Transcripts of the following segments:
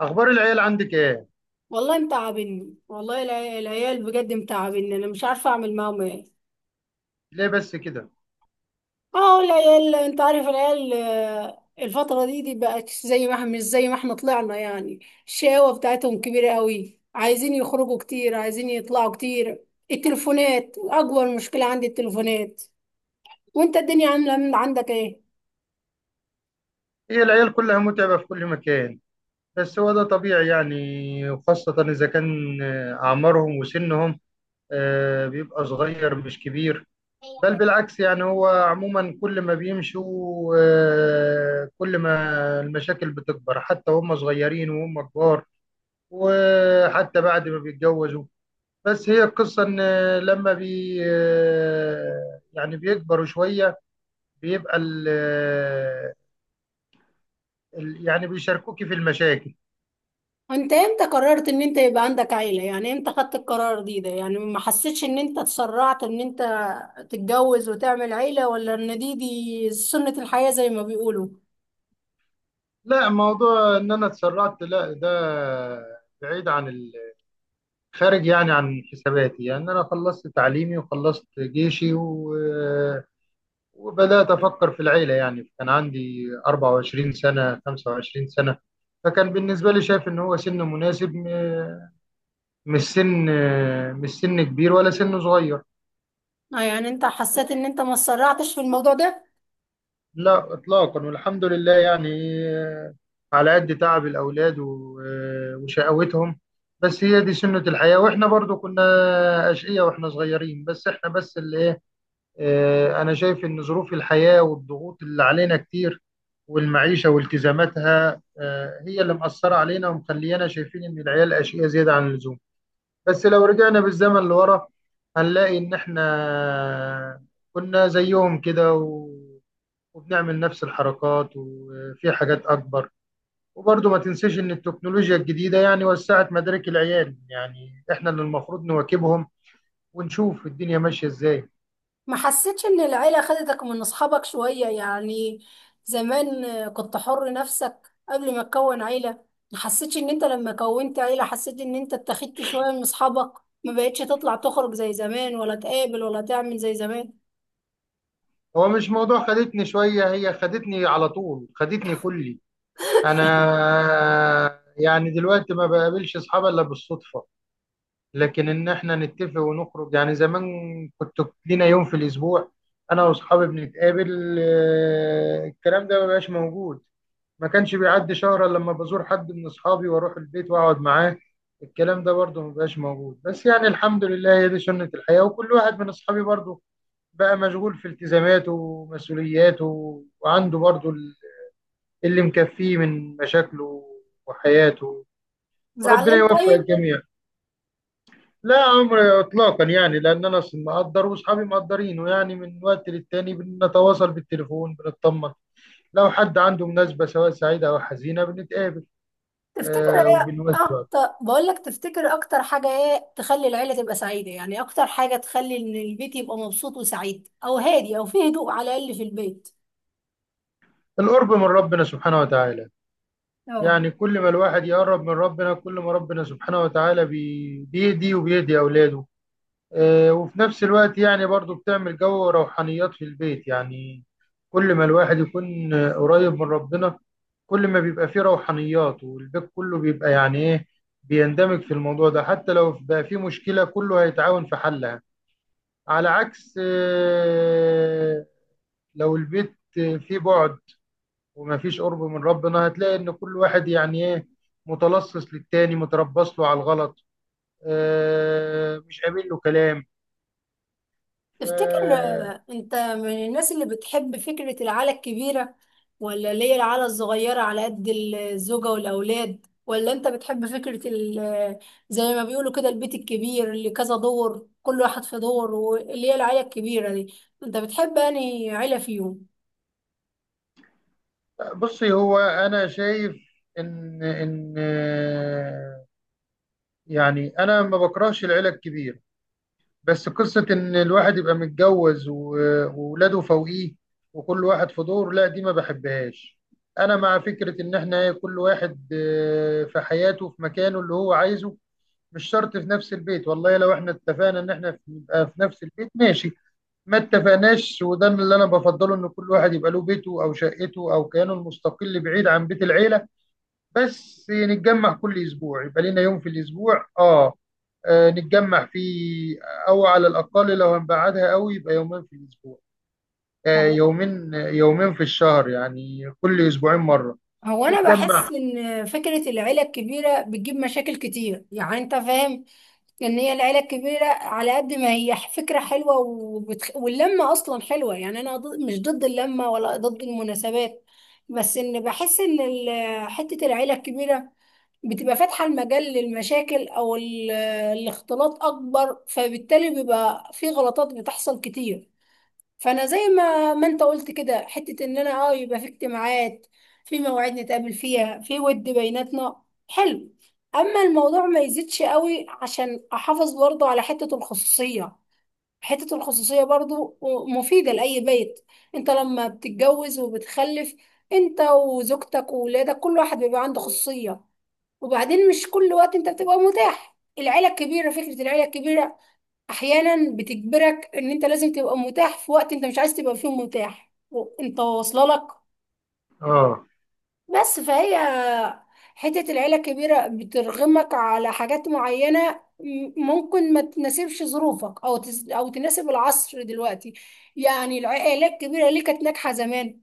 اخبار العيال عندك ايه؟ والله متعبني، والله العيال بجد متعبني. انا مش عارفه اعمل معاهم ايه. ليه بس كده؟ اه العيال انت عارف العيال الفتره دي بقت زي ما احنا، مش زي ما احنا طلعنا يعني. الشقاوه بتاعتهم كبيره قوي، عايزين يخرجوا كتير، عايزين يطلعوا كتير. التليفونات اكبر مشكله عندي، التليفونات. وانت الدنيا عامله عندك ايه؟ هي العيال كلها متعبة في كل مكان. بس هو ده طبيعي يعني، وخاصة اذا كان اعمارهم وسنهم، بيبقى صغير مش كبير. بل بالعكس، يعني هو عموما كل ما بيمشوا، كل ما المشاكل بتكبر، حتى وهم صغيرين وهم كبار، وحتى بعد ما بيتجوزوا. بس هي القصة إن لما بي يعني بيكبروا شوية، بيبقى يعني بيشاركوكي في المشاكل. انت امتى قررت ان انت يبقى عندك عيلة؟ يعني امتى خدت القرار ده؟ يعني ما حسيتش ان انت اتسرعت ان انت تتجوز وتعمل عيلة، ولا ان دي سنة الحياة زي ما بيقولوا؟ لا، موضوع إن أنا اتسرعت لا، ده بعيد عن خارج يعني عن حساباتي. يعني أنا خلصت تعليمي وخلصت جيشي وبدأت أفكر في العيلة، يعني كان عندي 24 سنة، 25 سنة. فكان بالنسبة لي شايف إن هو سن مناسب، مش سن مش سن كبير ولا سن صغير. اه، يعني انت حسيت ان انت ما اتسرعتش في الموضوع ده؟ لا إطلاقا، والحمد لله يعني. آه، على قد تعب الأولاد وشقاوتهم، بس هي دي سنة الحياة، وإحنا برضو كنا أشقية وإحنا صغيرين، بس إحنا بس اللي. انا شايف ان ظروف الحياه والضغوط اللي علينا كتير، والمعيشه والتزاماتها، هي اللي مأثره علينا ومخليانا شايفين ان العيال اشقياء زياده عن اللزوم. بس لو رجعنا بالزمن لورا، هنلاقي ان احنا كنا زيهم كده وبنعمل نفس الحركات وفي حاجات اكبر. وبرضه ما تنساش ان التكنولوجيا الجديده يعني وسعت مدارك العيال، يعني احنا اللي المفروض نواكبهم ونشوف الدنيا ماشيه ازاي. ما حسيتش ان العيلة خدتك من اصحابك شوية يعني؟ زمان كنت حر نفسك قبل ما تكون عيلة. ما حسيتش ان انت لما كونت عيلة حسيت ان انت اتخذت شوية من اصحابك؟ ما بقتش تطلع تخرج زي زمان، ولا تقابل، ولا تعمل زي زمان؟ هو مش موضوع خدتني شوية، هي خدتني على طول، خدتني كلي أنا. يعني دلوقتي ما بقابلش أصحابي إلا بالصدفة، لكن إن إحنا نتفق ونخرج، يعني زمان كنت لينا يوم في الأسبوع أنا وأصحابي بنتقابل، الكلام ده ما بقاش موجود. ما كانش بيعدي شهر إلا لما بزور حد من أصحابي وأروح البيت وأقعد معاه، الكلام ده برضه ما بقاش موجود. بس يعني الحمد لله، هي دي سنة الحياة، وكل واحد من أصحابي برضه بقى مشغول في التزاماته ومسؤولياته، وعنده برضو اللي مكفيه من مشاكله وحياته، وربنا زعلان يوفق طيب. الجميع. لا، عمر اطلاقا يعني، لان انا اصلا مقدر واصحابي مقدرينه، يعني من وقت للتاني بنتواصل بالتليفون، بنطمن لو حد عنده مناسبه سواء سعيده او حزينه بنتقابل. تفتكر آه، ايه وبنوسع اكتر؟ بقول لك، تفتكر اكتر حاجه ايه تخلي العيله تبقى سعيده؟ يعني اكتر حاجه تخلي ان البيت يبقى مبسوط وسعيد، او هادي، او فيه هدوء على الاقل في البيت. القرب من ربنا سبحانه وتعالى، اه. يعني كل ما الواحد يقرب من ربنا، كل ما ربنا سبحانه وتعالى بيهدي وبيهدي اولاده. وفي نفس الوقت يعني برضو بتعمل جو روحانيات في البيت، يعني كل ما الواحد يكون قريب من ربنا، كل ما بيبقى فيه روحانيات، والبيت كله بيبقى يعني ايه، بيندمج في الموضوع ده. حتى لو بقى فيه مشكلة، كله هيتعاون في حلها. على عكس لو البيت فيه بعد ومفيش قرب من ربنا، هتلاقي ان كل واحد يعني ايه، متلصص للتاني، متربص له على الغلط، مش قابل له كلام. تفتكر ف- انت من الناس اللي بتحب فكره العيله الكبيره، ولا اللي هي العيله الصغيره على قد الزوجه والاولاد؟ ولا انت بتحب فكره زي ما بيقولوا كده البيت الكبير اللي كذا دور، كل واحد في دور، واللي هي العيله الكبيره دي؟ انت بتحب انهي عيله فيهم؟ بصي، هو انا شايف ان يعني انا ما بكرهش العيله الكبير. بس قصه ان الواحد يبقى متجوز وولاده فوقيه وكل واحد في دور، لا دي ما بحبهاش. انا مع فكره ان احنا إيه، كل واحد في حياته في مكانه اللي هو عايزه، مش شرط في نفس البيت. والله لو احنا اتفقنا ان احنا نبقى في نفس البيت ماشي، ما اتفقناش وده اللي انا بفضله، ان كل واحد يبقى له بيته او شقته او كيانه المستقل بعيد عن بيت العيله. بس نتجمع كل اسبوع، يبقى لنا يوم في الاسبوع، اه، نتجمع فيه. او على الاقل لو هنبعدها قوي، يبقى يومين في الاسبوع، هو يومين في الشهر، يعني كل اسبوعين مره هو انا بحس نتجمع. ان فكره العيله الكبيره بتجيب مشاكل كتير، يعني انت فاهم ان هي العيله الكبيره، على قد ما هي فكره حلوه واللمه اصلا حلوه، يعني انا مش ضد اللمه ولا ضد المناسبات، بس ان بحس ان حته العيله الكبيره بتبقى فاتحه المجال للمشاكل، الاختلاط اكبر، فبالتالي بيبقى في غلطات بتحصل كتير. فانا زي ما انت قلت كده، حته ان انا اه يبقى في اجتماعات، في مواعيد نتقابل فيها، في ود بيناتنا، حلو. اما الموضوع ما يزيدش قوي، عشان احافظ برضو على حته الخصوصيه. حته الخصوصيه برضو مفيده لاي بيت. انت لما بتتجوز وبتخلف، انت وزوجتك وولادك، كل واحد بيبقى عنده خصوصيه. وبعدين مش كل وقت انت بتبقى متاح. العيله الكبيره، فكره العيله الكبيره احيانا بتجبرك ان انت لازم تبقى متاح في وقت انت مش عايز تبقى فيه متاح، وانت واصله لك. اه، بس فهي حته العيله الكبيره بترغمك على حاجات معينه ممكن ما تناسبش ظروفك، او تناسب العصر دلوقتي. يعني العائلات الكبيره ليه كانت ناجحه زمان؟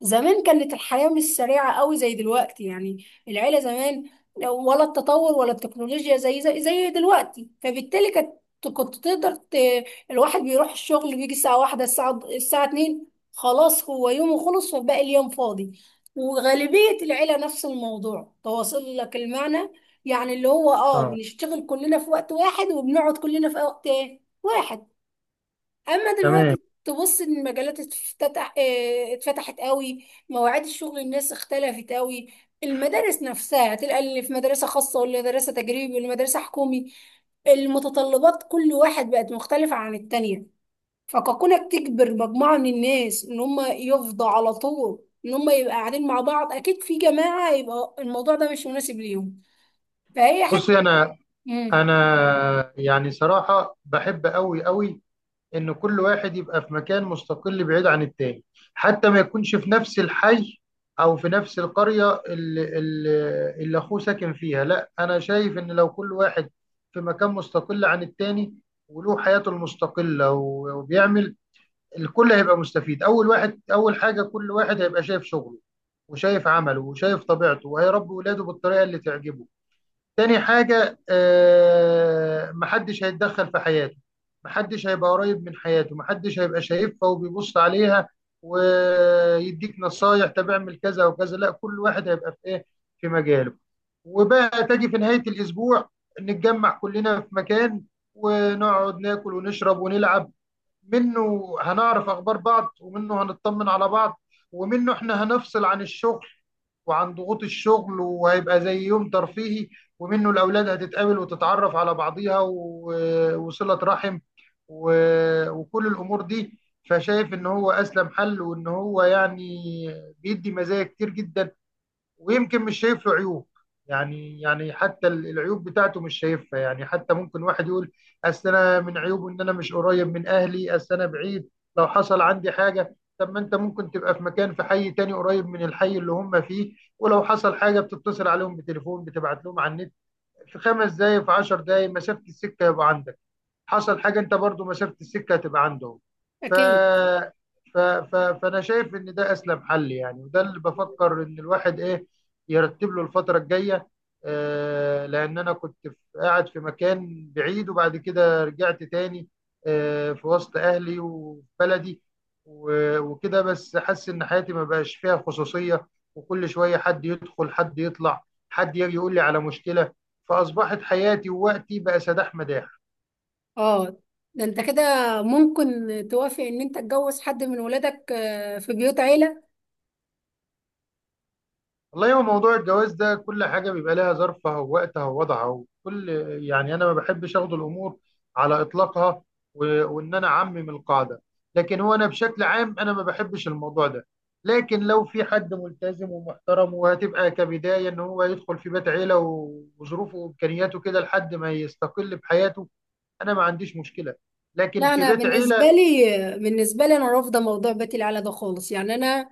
زمان كانت الحياة مش سريعة قوي زي دلوقتي، يعني العيلة زمان، ولا التطور، ولا التكنولوجيا زي زي دلوقتي، فبالتالي كانت، كنت تقدر الواحد بيروح الشغل، بيجي الساعة 1، الساعة 2، خلاص هو يومه خلص وباقي اليوم فاضي. وغالبية العيلة نفس الموضوع، تواصل لك المعنى، يعني اللي هو اه اه، بنشتغل كلنا في وقت واحد وبنقعد كلنا في وقت واحد. اما تمام. دلوقتي تبص ان المجالات اتفتحت قوي، مواعيد الشغل الناس اختلفت قوي. المدارس نفسها تلقى اللي في مدرسة خاصة، واللي مدرسة تجريبي، واللي مدرسة حكومي. المتطلبات كل واحد بقت مختلفة عن التانية. فكونك تجبر مجموعة من الناس ان هم يفضوا على طول، ان هم يبقى قاعدين مع بعض اكيد في جماعة، يبقى الموضوع ده مش مناسب ليهم. فهي حتة. بصي، انا امم انا يعني صراحه بحب قوي قوي ان كل واحد يبقى في مكان مستقل بعيد عن التاني، حتى ما يكونش في نفس الحي او في نفس القرية اللي اخوه ساكن فيها. لا، انا شايف ان لو كل واحد في مكان مستقل عن التاني وله حياته المستقلة و- وبيعمل الكل هيبقى مستفيد. اول واحد اول حاجة، كل واحد هيبقى شايف شغله وشايف عمله وشايف طبيعته وهيربي ولاده بالطريقة اللي تعجبه. تاني حاجة، محدش هيتدخل في حياته، محدش هيبقى قريب من حياته، محدش هيبقى شايفها وبيبص عليها ويديك نصايح طب اعمل كذا وكذا. لا، كل واحد هيبقى في ايه، في مجاله. وبقى تجي في نهاية الأسبوع نتجمع كلنا في مكان ونقعد ناكل ونشرب ونلعب. منه هنعرف أخبار بعض، ومنه هنطمن على بعض، ومنه احنا هنفصل عن الشغل وعن ضغوط الشغل، وهيبقى زي يوم ترفيهي. ومنه الأولاد هتتقابل وتتعرف على بعضيها وصلة رحم وكل الأمور دي. فشايف إن هو أسلم حل، وإن هو يعني بيدي مزايا كتير جدا، ويمكن مش شايف له عيوب. يعني حتى العيوب بتاعته مش شايفها. يعني حتى ممكن واحد يقول اصل انا من عيوبه ان انا مش قريب من اهلي، اصل انا بعيد لو حصل عندي حاجه. طب ما انت ممكن تبقى في مكان في حي تاني قريب من الحي اللي هم فيه، ولو حصل حاجه بتتصل عليهم بتليفون، بتبعت لهم على النت، في 5 دقايق، في 10 دقايق مسافه السكه يبقى عندك. حصل حاجه انت برضو مسافه السكه هتبقى عندهم. ف... اكيد. فانا شايف ان ده اسلم حل يعني، وده اللي بفكر ان الواحد ايه، يرتب له الفتره الجايه. آه، لان انا كنت قاعد في مكان بعيد، وبعد كده رجعت تاني آه في وسط اهلي وفي بلدي وكده. بس حاسس ان حياتي ما بقاش فيها خصوصيه، وكل شويه حد يدخل حد يطلع، حد يجي يقول لي على مشكله، فاصبحت حياتي ووقتي بقى سداح مداح. اه. ده انت كده ممكن توافق ان انت تتجوز حد من ولادك في بيوت عيلة؟ والله، هو موضوع الجواز ده كل حاجة بيبقى لها ظرفها ووقتها ووضعها وكل. يعني أنا ما بحبش أخد الأمور على إطلاقها وإن أنا أعمم القاعدة. لكن هو أنا بشكل عام أنا ما بحبش الموضوع ده. لكن لو في حد ملتزم ومحترم، وهتبقى كبداية إن هو يدخل في بيت عيلة وظروفه وإمكانياته كده لحد ما يستقل بحياته، أنا ما عنديش مشكلة، لكن لا، في انا بيت بالنسبة عيلة. لي، بالنسبة لي انا رافضة موضوع بيت العيلة ده خالص. يعني انا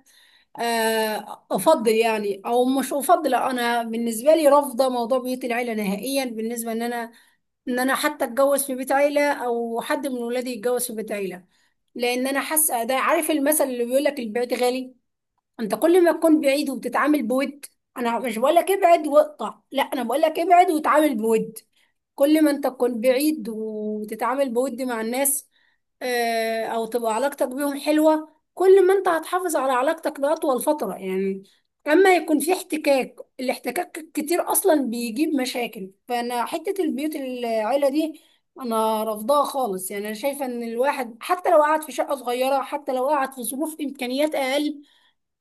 افضل يعني، او مش افضل، انا بالنسبة لي رافضة موضوع بيوت العيلة نهائيا، بالنسبة ان انا، ان انا حتى اتجوز في بيت عيلة، او حد من ولادي يتجوز في بيت عيلة. لان انا حاسة ده، عارف المثل اللي بيقول لك البيت غالي؟ انت كل ما تكون بعيد وبتتعامل بود، انا مش بقول لك ابعد واقطع، لا، انا بقول لك ابعد وتعامل بود. كل ما انت تكون بعيد وتتعامل بود مع الناس، او تبقى علاقتك بيهم حلوة، كل ما انت هتحافظ على علاقتك لأطول فترة يعني. اما يكون في احتكاك، الاحتكاك كتير اصلا بيجيب مشاكل. فانا حتة البيوت العيلة دي انا رافضاها خالص. يعني انا شايفة ان الواحد حتى لو قعد في شقة صغيرة، حتى لو قعد في ظروف امكانيات اقل،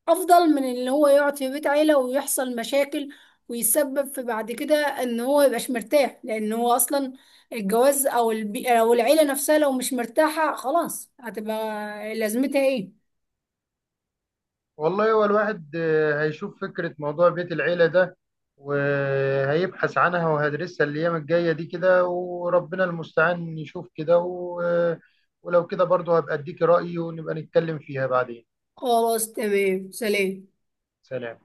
افضل من اللي هو يقعد في بيت عيلة ويحصل مشاكل، ويسبب في بعد كده ان هو يبقاش مرتاح. لان هو اصلا الجواز او العيلة نفسها لو مش مرتاحة، خلاص هتبقى لازمتها ايه؟ والله، هو الواحد هيشوف فكرة موضوع بيت العيلة ده، وهيبحث عنها وهدرسها الأيام الجاية دي كده، وربنا المستعان يشوف كده ولو كده برضه هبقى أديكي رأيي ونبقى نتكلم فيها بعدين. خلاص، تمام، سلام. سلام.